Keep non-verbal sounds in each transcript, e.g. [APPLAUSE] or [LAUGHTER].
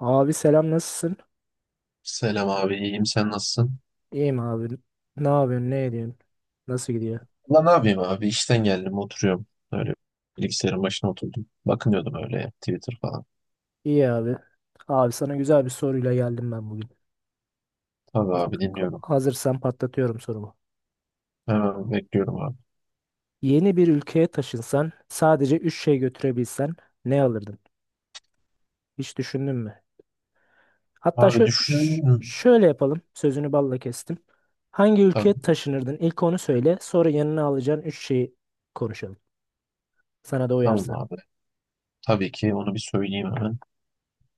Abi selam, nasılsın? Selam abi, iyiyim. Sen nasılsın? İyiyim abi. Ne yapıyorsun? Ne ediyorsun? Nasıl gidiyor? Ulan ne yapayım abi? İşten geldim, oturuyorum. Öyle bilgisayarın başına oturdum. Bakınıyordum öyle Twitter falan. İyi abi. Abi, sana güzel bir soruyla geldim ben bugün. Tabii abi dinliyorum. Hazırsan patlatıyorum sorumu. Hemen bekliyorum abi. Yeni bir ülkeye taşınsan, sadece 3 şey götürebilsen ne alırdın? Hiç düşündün mü? Hatta Abi düşün... şöyle yapalım. Sözünü balla kestim. Hangi Tabii, ülkeye taşınırdın? İlk onu söyle. Sonra yanına alacağın 3 şeyi konuşalım. Sana da tamam uyarsa. abi. Tabii ki onu bir söyleyeyim hemen.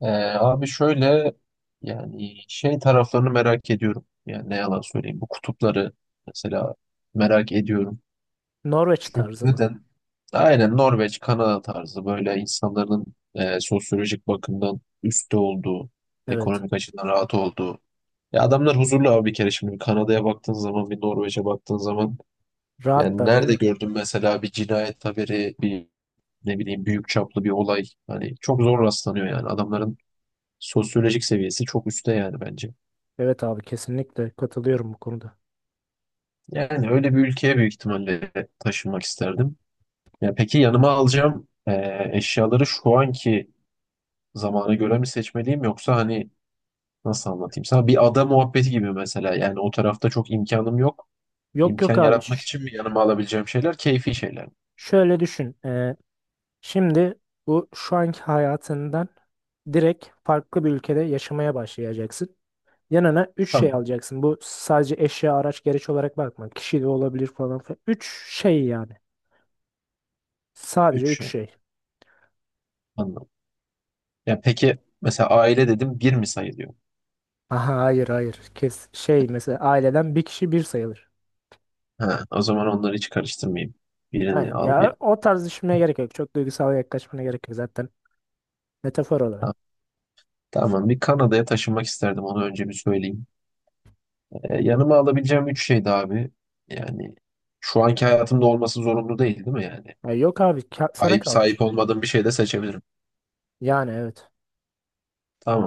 Ee, abi şöyle yani şey taraflarını merak ediyorum. Yani ne yalan söyleyeyim. Bu kutupları mesela merak ediyorum. Norveç Çünkü tarzı mı? neden? Aynen Norveç, Kanada tarzı böyle insanların sosyolojik bakımdan üstte olduğu, Evet. ekonomik açıdan rahat olduğu. Ya adamlar huzurlu abi bir kere, şimdi bir Kanada'ya baktığın zaman, bir Norveç'e baktığın zaman yani Rahatlar değil nerede mi? gördün mesela bir cinayet haberi, bir ne bileyim büyük çaplı bir olay. Hani çok zor rastlanıyor yani, adamların sosyolojik seviyesi çok üstte yani bence. Evet abi, kesinlikle katılıyorum bu konuda. Yani öyle bir ülkeye büyük ihtimalle taşınmak isterdim. Ya peki yanıma alacağım eşyaları şu anki zamana göre mi seçmeliyim, yoksa hani nasıl anlatayım sana, bir ada muhabbeti gibi mesela, yani o tarafta çok imkanım yok. Yok İmkan yok abi, yaratmak için mi yanıma alabileceğim şeyler keyfi şeyler mi? şöyle düşün. Şimdi bu şu anki hayatından direkt farklı bir ülkede yaşamaya başlayacaksın. Yanına 3 şey Tamam. alacaksın. Bu sadece eşya, araç, gereç olarak bakma. Kişi de olabilir, falan filan. 3 şey yani. Sadece Üç 3 şey. şey. Anladım. Ya peki mesela aile dedim, bir mi sayılıyor? Aha, hayır hayır. Kes şey, mesela aileden bir kişi bir sayılır. Ha, o zaman onları hiç karıştırmayayım. Birini Hayır, al bir. ya o tarz düşünmeye gerek yok. Çok duygusal yaklaşmana gerek yok zaten. Metafor olarak. Ha, tamam, bir Kanada'ya taşınmak isterdim, onu önce bir söyleyeyim. Yanıma alabileceğim üç şeydi abi. Yani şu anki hayatımda olması zorunlu değil değil mi yani? Ya yok abi, sana Sahip kalmış. olmadığım bir şey de seçebilirim. Yani evet.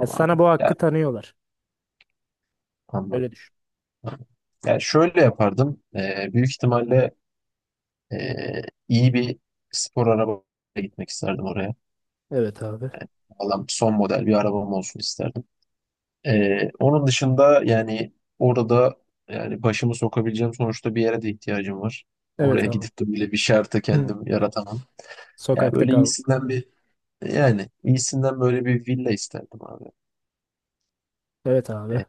Ya sana abi. bu hakkı Ya, tanıyorlar. Öyle anladım. düşün. Yani şöyle yapardım. Büyük ihtimalle ee, iyi bir spor arabaya gitmek isterdim oraya. Evet abi. Valla son model bir arabam olsun isterdim. Onun dışında yani orada yani başımı sokabileceğim sonuçta bir yere de ihtiyacım var. Oraya Evet abi. gidip de böyle bir şartı [CLEARS THROAT] Hı. kendim yaratamam. Ya Sokakta böyle kal. iyisinden bir yani iyisinden böyle bir villa isterdim abi. Evet abi. Ee,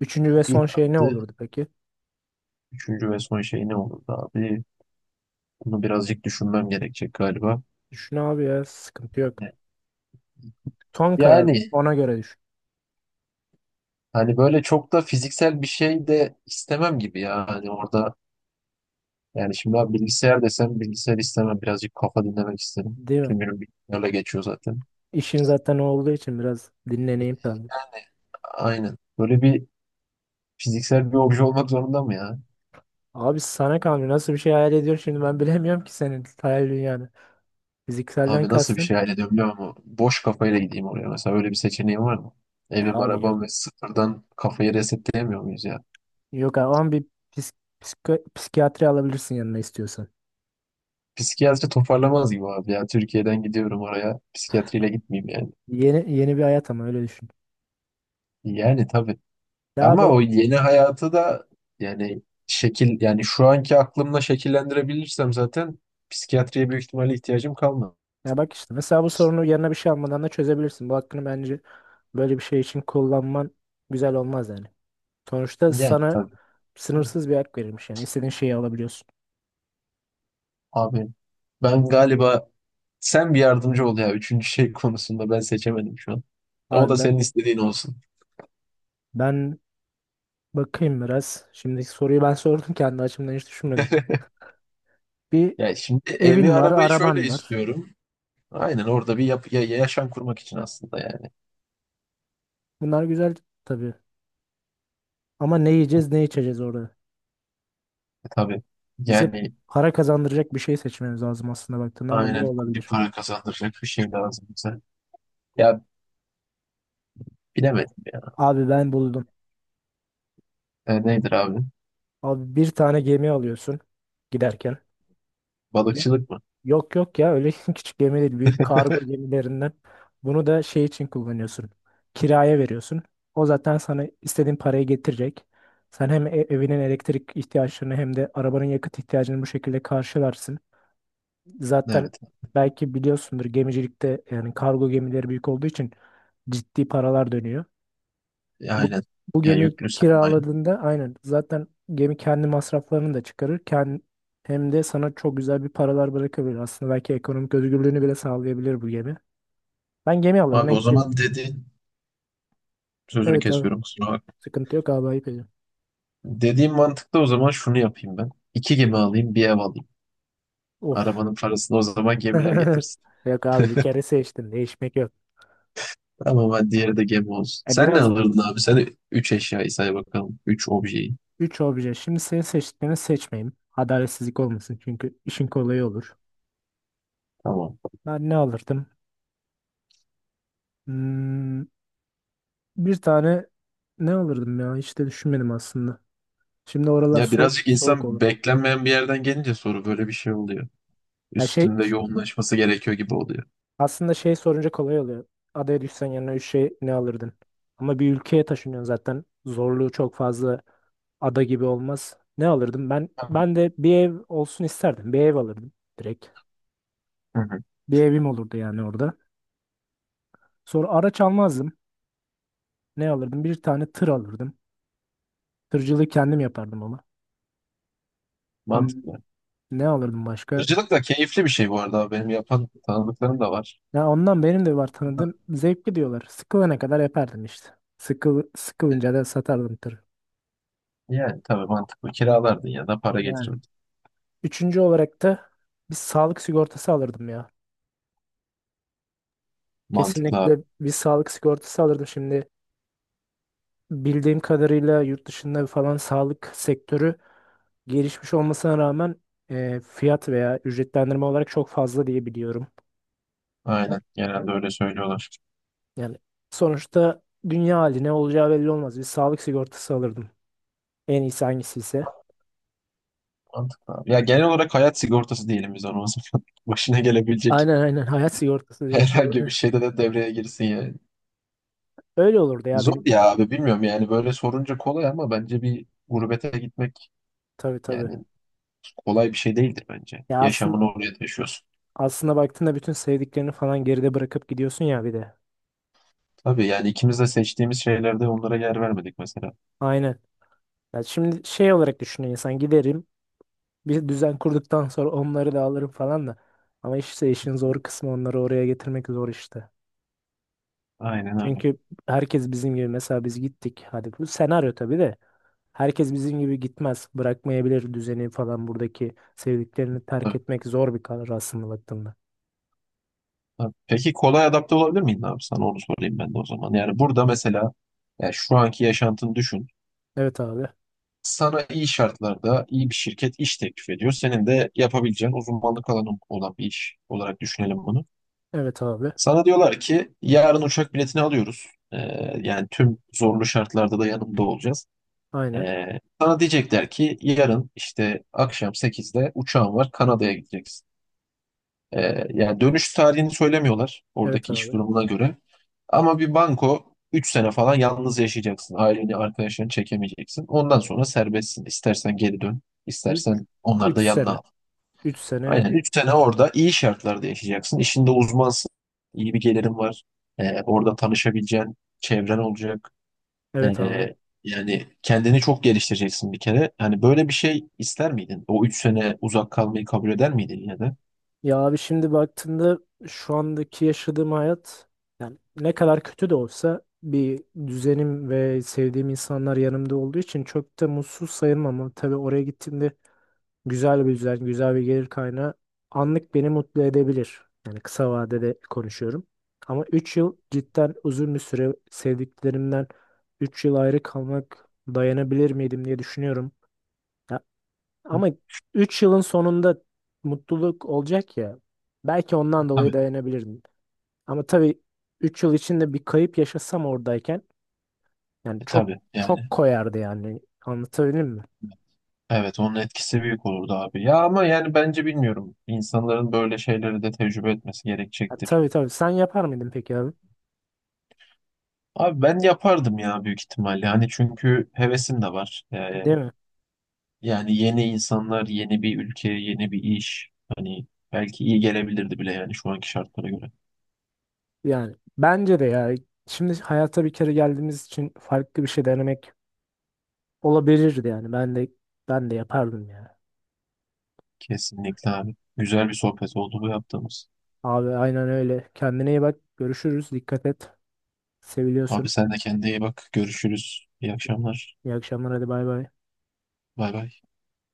Üçüncü ve bir son şey ne kaldı. olurdu peki? Üçüncü ve son şey ne olurdu abi? Bunu birazcık düşünmem gerekecek galiba. Düşün abi, ya sıkıntı yok. Son karar mı? Yani Ona göre düşün. hani böyle çok da fiziksel bir şey de istemem gibi ya. Hani orada yani şimdi abi bilgisayar desem bilgisayar istemem. Birazcık kafa dinlemek isterim. Değil mi? Tüm günüm bilgisayarla geçiyor zaten. İşin zaten olduğu için biraz dinleneyim ben. Aynen. Böyle bir fiziksel bir obje olmak zorunda mı ya? Abi sana kalmıyor. Nasıl bir şey hayal ediyorsun şimdi, ben bilemiyorum ki senin hayal dünyanı. Fizikselden Abi nasıl bir kastın. şey hayal ediyorum bilmiyorum ama boş kafayla gideyim oraya. Mesela öyle bir seçeneğim var mı? Ya Evim, abi, yok. arabam ve sıfırdan kafayı resetleyemiyor muyuz ya? Yok abi, ama bir psik- psikiyatri alabilirsin yanına istiyorsan. Psikiyatri toparlamaz gibi abi ya. Türkiye'den gidiyorum oraya. Psikiyatriyle gitmeyeyim yani. Yeni yeni bir hayat, ama öyle düşün. Yani tabii. Ya abi. Ama o yeni hayatı da yani şekil yani şu anki aklımla şekillendirebilirsem zaten psikiyatriye büyük ihtimalle ihtiyacım kalmaz. Ya bak işte, mesela bu sorunu yanına bir şey almadan da çözebilirsin. Bu hakkını bence böyle bir şey için kullanman güzel olmaz yani. Sonuçta Yani sana tabii. Hı. sınırsız bir hak verilmiş, yani istediğin şeyi alabiliyorsun. Abi ben galiba, sen bir yardımcı ol ya, üçüncü şey konusunda ben seçemedim şu an. O Abi da ben, senin istediğin olsun. ben bakayım biraz. Şimdiki soruyu ben [LAUGHS] sordum, kendi açımdan hiç düşünmedim. Bir Ya şimdi evi evin var, arabayı şöyle araban var. istiyorum. Aynen orada bir yaşam kurmak için aslında yani. Bunlar güzel tabii. Ama ne yiyeceğiz, ne içeceğiz orada? Tabii. Bize Yani para kazandıracak bir şey seçmemiz lazım aslında baktığında, ama ne aynen bir olabilir? para kazandıracak bir şey lazım bize. Ya bilemedim ya. Abi, ben buldum. Nedir abi? Abi, bir tane gemi alıyorsun giderken. Balıkçılık mı? Yok yok ya, öyle [LAUGHS] küçük gemi değil, büyük kargo gemilerinden. Bunu da şey için kullanıyorsun. Kiraya veriyorsun. O zaten sana istediğin parayı getirecek. Sen hem evinin elektrik ihtiyaçlarını, hem de arabanın yakıt ihtiyacını bu şekilde karşılarsın. Zaten Evet. belki biliyorsundur, gemicilikte yani kargo gemileri büyük olduğu için ciddi paralar dönüyor. Ya, Bu, aynen. bu Ya, gemiyi yüklü sermaye. kiraladığında aynen zaten gemi kendi masraflarını da çıkarır. Hem de sana çok güzel bir paralar bırakabilir. Aslında belki ekonomik özgürlüğünü bile sağlayabilir bu gemi. Ben gemi alırdım. Abi En o ki- zaman dediğin, sözünü Evet abi. kesiyorum kusura bakma. Sıkıntı yok abi, ayıp ediyorum. Dediğim mantıkta o zaman şunu yapayım ben. İki gemi alayım, bir ev alayım. Of. Arabanın parasını o zaman gemiler [LAUGHS] getirsin. Yok abi, bir kere seçtim. Değişmek yok. Tamam, hadi diğeri de gemi olsun. E, Sen ne biraz alırdın abi? Sen üç eşyayı say bakalım. Üç objeyi. 3 obje. Şimdi senin seçtiklerini seçmeyeyim. Adaletsizlik olmasın, çünkü işin kolayı olur. Tamam. Ben ne alırdım? Hmm, bir tane ne alırdım ya? Hiç de düşünmedim aslında. Şimdi oralar Ya birazcık, soğuk insan olur. beklenmeyen bir yerden gelince soru böyle bir şey oluyor. Ya şey, Üstünde yoğunlaşması gerekiyor gibi oluyor. aslında şey sorunca kolay oluyor. Adaya düşsen yanına üç şey ne alırdın? Ama bir ülkeye taşınıyorsun zaten. Zorluğu çok fazla ada gibi olmaz. Ne alırdım? Ben Tabii. ben de bir ev olsun isterdim. Bir ev alırdım direkt. Hı hı. Bir evim olurdu yani orada. Sonra araç almazdım. Ne alırdım? Bir tane tır alırdım. Tırcılığı kendim yapardım ama. Hmm, Mantıklı. ne alırdım başka? Ircılık da keyifli bir şey bu arada. Benim yapan tanıdıklarım da var. Ya ondan benim de var tanıdığım, zevkli diyorlar. Sıkılana kadar yapardım işte. Sıkılınca da satardım tırı. Yani tabii mantıklı. Kiralardın ya da para Yani. getirirdin. Üçüncü olarak da bir sağlık sigortası alırdım ya. Mantıklı abi. Kesinlikle bir sağlık sigortası alırdım. Şimdi bildiğim kadarıyla yurt dışında falan sağlık sektörü gelişmiş olmasına rağmen, fiyat veya ücretlendirme olarak çok fazla diye biliyorum. O- Aynen. o- Genelde öyle söylüyorlar. Yani sonuçta dünya hali, ne olacağı belli olmaz. Bir sağlık sigortası alırdım. En iyisi hangisi ise. Mantıklı abi. Ya genel olarak hayat sigortası diyelim biz ona o zaman. [LAUGHS] Başına gelebilecek Aynen aynen, hayat sigortası direkt herhangi bir olarak. şeyde de devreye girsin yani. Öyle olurdu ya Zor benim. ya abi bilmiyorum, yani böyle sorunca kolay ama bence bir gurbete gitmek Tabii tabii. yani kolay bir şey değildir bence. Ya aslında, Yaşamını oraya taşıyorsun. aslında baktığında bütün sevdiklerini falan geride bırakıp gidiyorsun ya bir de. Tabii yani, ikimiz de seçtiğimiz şeylerde onlara yer vermedik mesela. Aynen. Ya şimdi şey olarak düşünüyor insan, giderim bir düzen kurduktan [LAUGHS] sonra onları da alırım falan da. Ama işte işin zor Evet. kısmı, onları oraya getirmek zor işte. Aynen öyle. Çünkü herkes bizim gibi, mesela biz gittik. Hadi bu senaryo tabii de. Herkes bizim gibi gitmez. Bırakmayabilir düzeni falan, buradaki sevdiklerini terk etmek zor bir karar aslında baktığında. Abi, peki kolay adapte olabilir miydin abi? Sana onu sorayım ben de o zaman. Yani burada mesela, yani şu anki yaşantını düşün. Evet abi. Sana iyi şartlarda iyi bir şirket iş teklif ediyor. Senin de yapabileceğin uzmanlık alanı olan bir iş olarak düşünelim bunu. Evet abi. Sana diyorlar ki yarın uçak biletini alıyoruz. Ee, yani tüm zorlu şartlarda da yanımda olacağız. Aynen. Ee, sana diyecekler ki yarın işte akşam 8'de uçağın var, Kanada'ya gideceksin. Yani dönüş tarihini söylemiyorlar, Evet oradaki abi. iş durumuna göre. Ama bir banko 3 sene falan yalnız yaşayacaksın. Aileni, arkadaşlarını çekemeyeceksin. Ondan sonra serbestsin. İstersen geri dön, 3 istersen onları 3 da yanına sene. al. 3 sene Aynen büyük. 3 sene orada iyi şartlarda yaşayacaksın. İşinde uzmansın. İyi bir gelirin var. Orada tanışabileceğin çevren olacak. Evet abi. Ee, yani kendini çok geliştireceksin bir kere. Hani böyle bir şey ister miydin? O 3 sene uzak kalmayı kabul eder miydin yine de? Ya abi, şimdi baktığında şu andaki yaşadığım hayat yani ne kadar kötü de olsa, bir düzenim ve sevdiğim insanlar yanımda olduğu için çok da mutsuz sayılmam, ama tabii oraya gittiğimde güzel bir düzen, güzel bir gelir kaynağı anlık beni mutlu edebilir. Yani kısa vadede konuşuyorum. Ama 3 yıl cidden uzun bir süre, sevdiklerimden 3 yıl ayrı kalmak dayanabilir miydim diye düşünüyorum. Ya ama 3 yılın sonunda mutluluk olacak ya. Belki ondan dolayı Tabii. dayanabilirdim. Ama tabii 3 yıl içinde bir kayıp yaşasam oradayken, yani çok Tabii çok yani. koyardı yani. Anlatabildim mi? Evet, onun etkisi büyük olurdu abi. Ya ama yani bence bilmiyorum. İnsanların böyle şeyleri de tecrübe etmesi Ha, gerekecektir. tabii tabii. Sen yapar mıydın peki abi? Abi ben yapardım ya büyük ihtimalle. Hani çünkü hevesim de var. Değil mi? Yani yeni insanlar, yeni bir ülke, yeni bir iş. Hani belki iyi gelebilirdi bile yani şu anki şartlara göre. Yani bence de ya. Şimdi hayata bir kere geldiğimiz için farklı bir şey denemek olabilirdi yani. Ben de yapardım ya. Kesinlikle abi. Güzel bir sohbet oldu bu yaptığımız. Abi aynen öyle. Kendine iyi bak. Görüşürüz. Dikkat et. Seviliyorsun. Abi sen de kendine iyi bak. Görüşürüz. İyi akşamlar. İyi akşamlar. Hadi bay bay. Bay bay.